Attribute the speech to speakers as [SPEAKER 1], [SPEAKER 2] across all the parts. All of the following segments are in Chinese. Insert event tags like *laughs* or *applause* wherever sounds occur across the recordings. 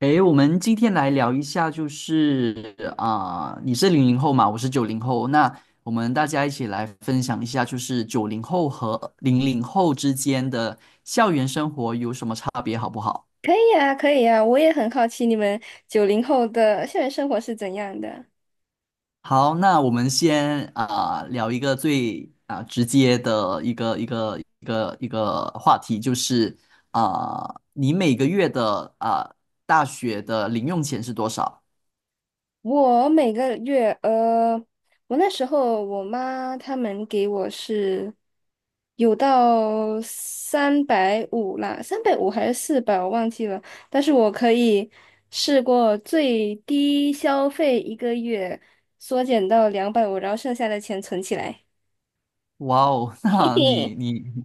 [SPEAKER 1] 诶，我们今天来聊一下，就是你是零零后嘛，我是九零后，那我们大家一起来分享一下，就是九零后和零零后之间的校园生活有什么差别，好不好？
[SPEAKER 2] 可以呀，可以呀，我也很好奇你们九零后的校园生活是怎样的。
[SPEAKER 1] 好，那我们先聊一个最直接的一个话题，就是你每个月的大学的零用钱是多少？
[SPEAKER 2] 我每个月，我那时候我妈他们给我是有到三百五啦，三百五还是400，我忘记了。但是我可以试过最低消费一个月缩减到两百五，然后剩下的钱存起来。*laughs*
[SPEAKER 1] 哇哦，*laughs*
[SPEAKER 2] 嘿
[SPEAKER 1] 那
[SPEAKER 2] 嘿，
[SPEAKER 1] 你你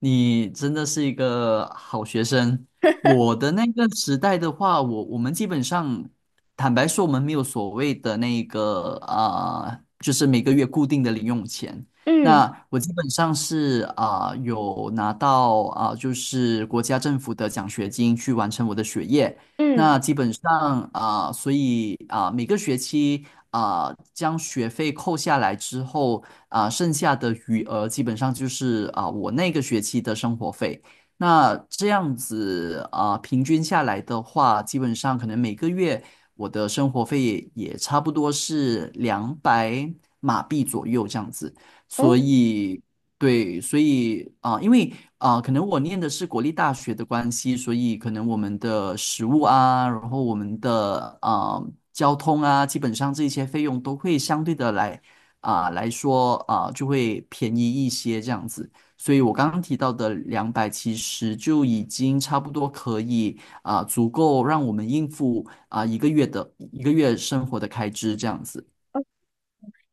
[SPEAKER 1] 你真的是一个好学生。我的那个时代的话，我们基本上，坦白说，我们没有所谓的那个就是每个月固定的零用钱。
[SPEAKER 2] 嗯
[SPEAKER 1] 那我基本上是有拿到就是国家政府的奖学金去完成我的学业。
[SPEAKER 2] 嗯，
[SPEAKER 1] 那基本上所以每个学期将学费扣下来之后剩下的余额基本上就是我那个学期的生活费。那这样子平均下来的话，基本上可能每个月我的生活费也差不多是200马币左右这样子。
[SPEAKER 2] 哦，
[SPEAKER 1] 所以，对，所以因为可能我念的是国立大学的关系，所以可能我们的食物啊，然后我们的交通啊，基本上这些费用都会相对的来来说就会便宜一些这样子。所以我刚刚提到的两百，其实就已经差不多可以足够让我们应付一个月生活的开支这样子。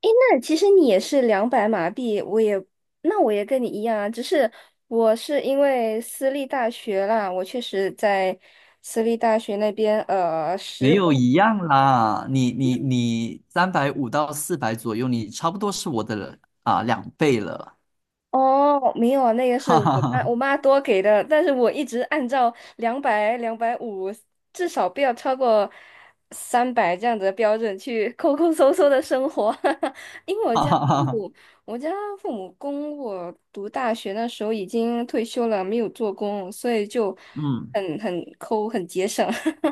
[SPEAKER 2] 诶，那其实你也是200马币，我也，那我也跟你一样啊，只是我是因为私立大学啦，我确实在私立大学那边，
[SPEAKER 1] 没
[SPEAKER 2] 实
[SPEAKER 1] 有
[SPEAKER 2] 务。
[SPEAKER 1] 一样啦，你350到400左右，你差不多是我的2倍了，
[SPEAKER 2] 哦，没有啊，那个
[SPEAKER 1] *laughs*
[SPEAKER 2] 是
[SPEAKER 1] 哈
[SPEAKER 2] 我
[SPEAKER 1] 哈
[SPEAKER 2] 妈
[SPEAKER 1] 哈，
[SPEAKER 2] 我妈多给的，但是我一直按照两百、两百五，至少不要超过三百这样子的标准去 *laughs* 抠抠搜搜的生活。*laughs* 因为
[SPEAKER 1] 哈哈哈哈，
[SPEAKER 2] 我家父母供我读大学那时候已经退休了，没有做工，所以就
[SPEAKER 1] 嗯，
[SPEAKER 2] 很抠，很节省。*laughs*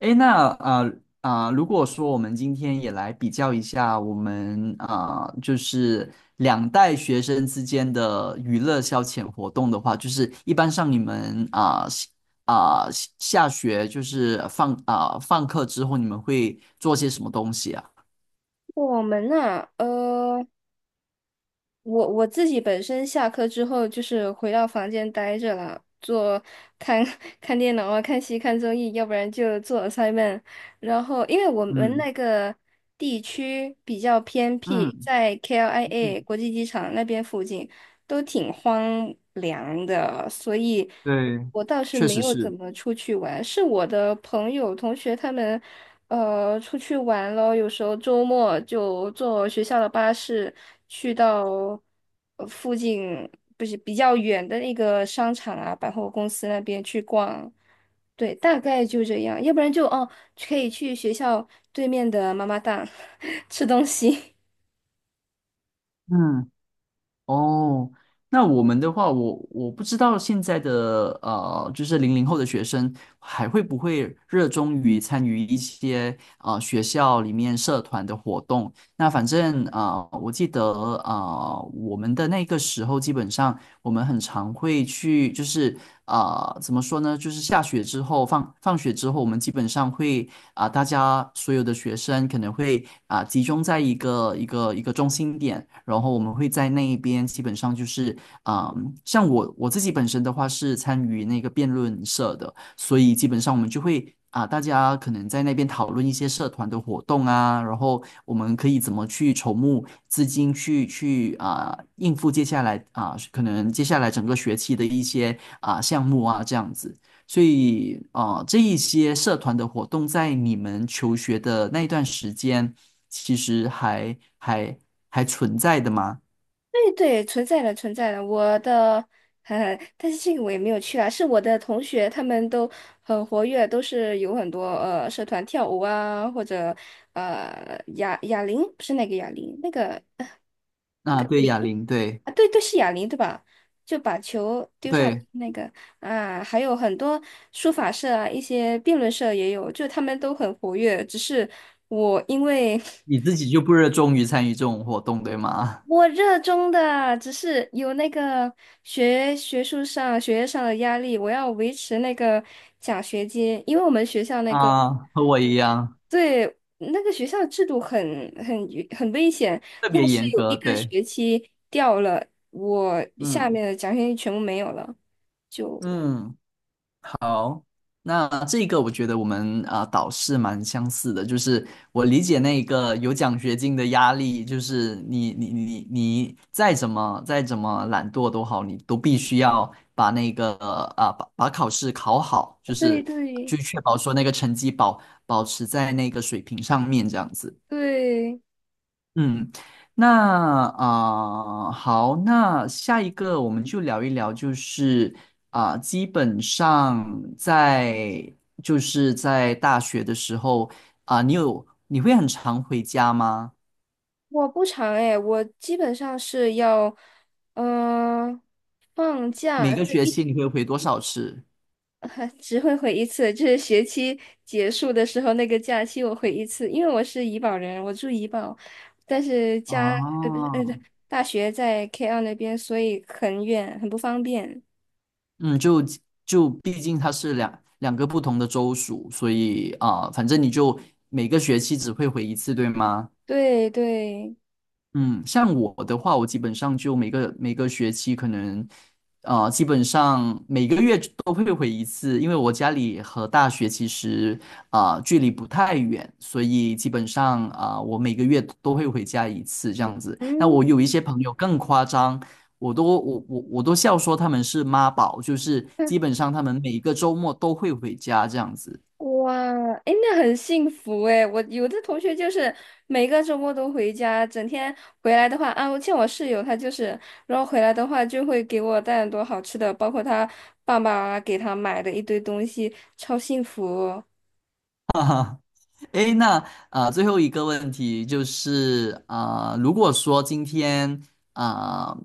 [SPEAKER 1] 诶，那如果说我们今天也来比较一下我们就是两代学生之间的娱乐消遣活动的话，就是一般上你们下学就是放课之后，你们会做些什么东西啊？
[SPEAKER 2] 我们呐。我自己本身下课之后就是回到房间待着了，看 *laughs* 看电脑啊，看戏、看综艺，要不然就做 a s s i m e n 然后，因为我们
[SPEAKER 1] 嗯
[SPEAKER 2] 那个地区比较偏僻，
[SPEAKER 1] 嗯
[SPEAKER 2] 在 KLIA
[SPEAKER 1] 嗯。
[SPEAKER 2] 国际机场那边附近都挺荒凉的，所以。
[SPEAKER 1] 对，
[SPEAKER 2] 我倒是
[SPEAKER 1] 确
[SPEAKER 2] 没
[SPEAKER 1] 实
[SPEAKER 2] 有怎
[SPEAKER 1] 是，
[SPEAKER 2] 么出去玩，是我的朋友、同学他们，出去玩了。有时候周末就坐学校的巴士去到附近，不是比较远的那个商场啊、百货公司那边去逛。对，大概就这样。要不然就哦，可以去学校对面的妈妈档 *laughs* 吃东西。
[SPEAKER 1] 嗯，哦，那我们的话，我不知道现在的就是零零后的学生还会不会热衷于参与一些学校里面社团的活动，那反正我记得我们的那个时候，基本上我们很常会去，就是怎么说呢？就是下学之后，放学之后，我们基本上会大家所有的学生可能会集中在一个中心点，然后我们会在那一边，基本上就是啊、呃像我自己本身的话是参与那个辩论社的。所以基本上我们就会啊，大家可能在那边讨论一些社团的活动啊，然后我们可以怎么去筹募资金去应付接下来可能接下来整个学期的一些项目啊这样子。所以啊，这一些社团的活动在你们求学的那一段时间，其实还存在的吗？
[SPEAKER 2] 对对，存在的存在的，我的，但是这个我也没有去啊，是我的同学，他们都很活跃，都是有很多社团跳舞啊，或者哑铃，不是那个哑铃，那个
[SPEAKER 1] 那对，哑铃，对
[SPEAKER 2] 啊，对对是哑铃对吧？就把球丢上
[SPEAKER 1] 对，
[SPEAKER 2] 那个啊，还有很多书法社啊，一些辩论社也有，就他们都很活跃，只是我因为
[SPEAKER 1] 你
[SPEAKER 2] *laughs*
[SPEAKER 1] 自己就不热衷于参与这种活动，对吗？
[SPEAKER 2] 我热衷的，只是有那个学术上、学业上的压力，我要维持那个奖学金，因为我们学校那个，
[SPEAKER 1] 啊，和我一样，
[SPEAKER 2] 对，那个学校制度很危险，
[SPEAKER 1] 特
[SPEAKER 2] 要
[SPEAKER 1] 别
[SPEAKER 2] 是
[SPEAKER 1] 严
[SPEAKER 2] 有一
[SPEAKER 1] 格，
[SPEAKER 2] 个
[SPEAKER 1] 对，
[SPEAKER 2] 学期掉了，我下
[SPEAKER 1] 嗯
[SPEAKER 2] 面的奖学金全部没有了，就
[SPEAKER 1] 嗯，好，那这个我觉得我们导师蛮相似的，就是我理解那个有奖学金的压力，就是你再怎么懒惰都好，你都必须要把那个把考试考好，就
[SPEAKER 2] 对
[SPEAKER 1] 是
[SPEAKER 2] 对
[SPEAKER 1] 去确保说那个成绩保持在那个水平上面这样子。
[SPEAKER 2] 对，
[SPEAKER 1] 嗯，那好，那下一个我们就聊一聊，就是基本上在就是在大学的时候你会很常回家吗？
[SPEAKER 2] 我不长哎，我基本上是要嗯、呃放
[SPEAKER 1] 每
[SPEAKER 2] 假。
[SPEAKER 1] 个
[SPEAKER 2] 对
[SPEAKER 1] 学期你会回多少次？
[SPEAKER 2] *laughs* 只会回一次，就是学期结束的时候那个假期我回一次，因为我是怡保人，我住怡保，但是家，不是，
[SPEAKER 1] 哦，
[SPEAKER 2] 对，大学在 K2那边，所以很远，很不方便。
[SPEAKER 1] 嗯，就毕竟它是两个不同的州属，所以反正你就每个学期只会回一次，对吗？
[SPEAKER 2] 对对，
[SPEAKER 1] 嗯，像我的话，我基本上就每个学期可能，呃，基本上每个月都会回一次，因为我家里和大学其实距离不太远，所以基本上我每个月都会回家一次这样子。那
[SPEAKER 2] 嗯，
[SPEAKER 1] 我有一些朋友更夸张，我都笑说他们是妈宝，就是基本上他们每个周末都会回家这样子。
[SPEAKER 2] 哇，哎，那很幸福哎！我有的同学就是每个周末都回家，整天回来的话，啊，我见我室友，他就是，然后回来的话就会给我带很多好吃的，包括他爸爸给他买的一堆东西，超幸福哦。
[SPEAKER 1] 诶，那最后一个问题就是如果说今天啊、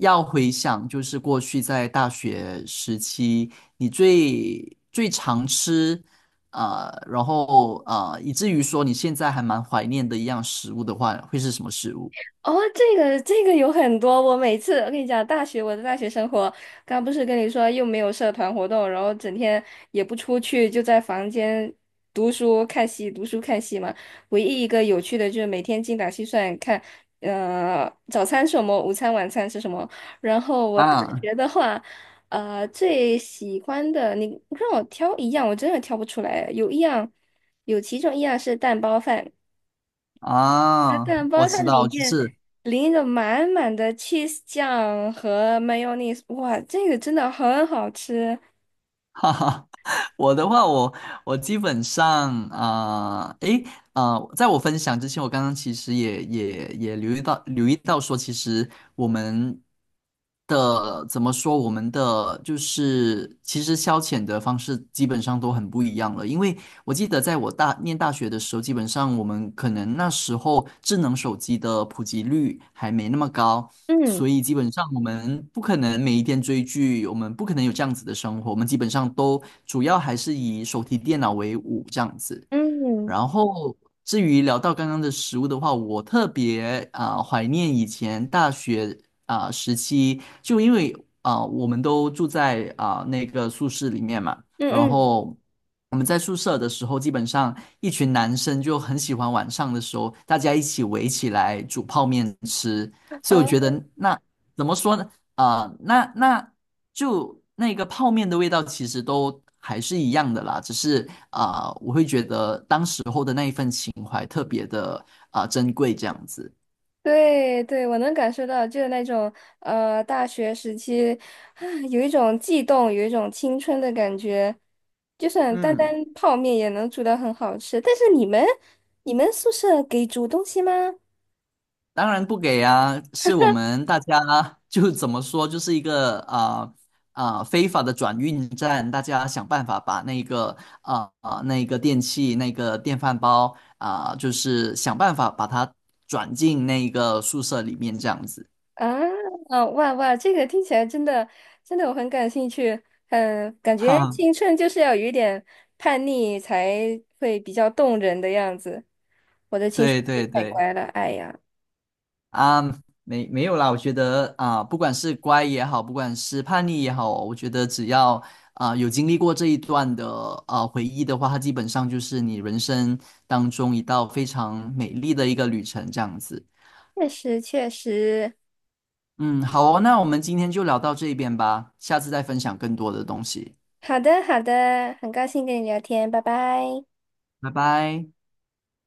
[SPEAKER 1] 要回想，就是过去在大学时期，你最最常吃然后以至于说你现在还蛮怀念的一样食物的话，会是什么食物？
[SPEAKER 2] 哦，这个有很多，我每次我跟你讲，我的大学生活，刚不是跟你说又没有社团活动，然后整天也不出去，就在房间读书看戏，读书看戏嘛。唯一一个有趣的就是每天精打细算看，早餐是什么，午餐晚餐是什么。然后我大
[SPEAKER 1] 啊
[SPEAKER 2] 学的话，最喜欢的你让我挑一样，我真的挑不出来，有一样，有其中一样是蛋包饭，它蛋
[SPEAKER 1] 我
[SPEAKER 2] 包它
[SPEAKER 1] 知
[SPEAKER 2] 里
[SPEAKER 1] 道，就
[SPEAKER 2] 面
[SPEAKER 1] 是
[SPEAKER 2] 淋着满满的 cheese 酱和 mayonnaise,哇，这个真的很好吃。
[SPEAKER 1] *laughs* 哈哈，*laughs* 我的话，我基本上啊，在我分享之前，我刚刚其实也留意到说，其实我们的怎么说，我们的就是其实消遣的方式基本上都很不一样了，因为我记得在我念大学的时候，基本上我们可能那时候智能手机的普及率还没那么高，
[SPEAKER 2] 嗯
[SPEAKER 1] 所以基本上我们不可能每一天追剧，我们不可能有这样子的生活，我们基本上都主要还是以手提电脑为伍这样子。
[SPEAKER 2] 嗯
[SPEAKER 1] 然后，至于聊到刚刚的食物的话，我特别怀念以前大学时期，就因为我们都住在那个宿舍里面嘛，然
[SPEAKER 2] 嗯嗯，
[SPEAKER 1] 后我们在宿舍的时候，基本上一群男生就很喜欢晚上的时候大家一起围起来煮泡面吃，所以我
[SPEAKER 2] 哦，
[SPEAKER 1] 觉得那怎么说呢？那就那个泡面的味道其实都还是一样的啦，只是我会觉得当时候的那一份情怀特别的珍贵这样子。
[SPEAKER 2] 对对，我能感受到，就是那种大学时期啊，有一种悸动，有一种青春的感觉，就算单单
[SPEAKER 1] 嗯
[SPEAKER 2] 泡面也能煮的很好吃。但是你们宿舍给煮东西吗？
[SPEAKER 1] 当然不给啊，是我们大家就怎么说，就是一个非法的转运站，大家想办法把那个那个电器那个电饭煲就是想办法把它转进那个宿舍里面这样子，
[SPEAKER 2] 啊，啊哇哇，这个听起来真的真的我很感兴趣。嗯，感
[SPEAKER 1] 哈。
[SPEAKER 2] 觉青春就是要有一点叛逆才会比较动人的样子。我的青春
[SPEAKER 1] 对
[SPEAKER 2] 是
[SPEAKER 1] 对
[SPEAKER 2] 太
[SPEAKER 1] 对
[SPEAKER 2] 乖了，哎呀，
[SPEAKER 1] 啊，没有啦，我觉得啊，不管是乖也好，不管是叛逆也好，我觉得只要有经历过这一段的回忆的话，它基本上就是你人生当中一道非常美丽的一个旅程，这样子。
[SPEAKER 2] 确实确实。
[SPEAKER 1] 嗯，好哦，那我们今天就聊到这边吧，下次再分享更多的东西，
[SPEAKER 2] 好的好的，很高兴跟你聊天，拜拜。
[SPEAKER 1] 拜拜。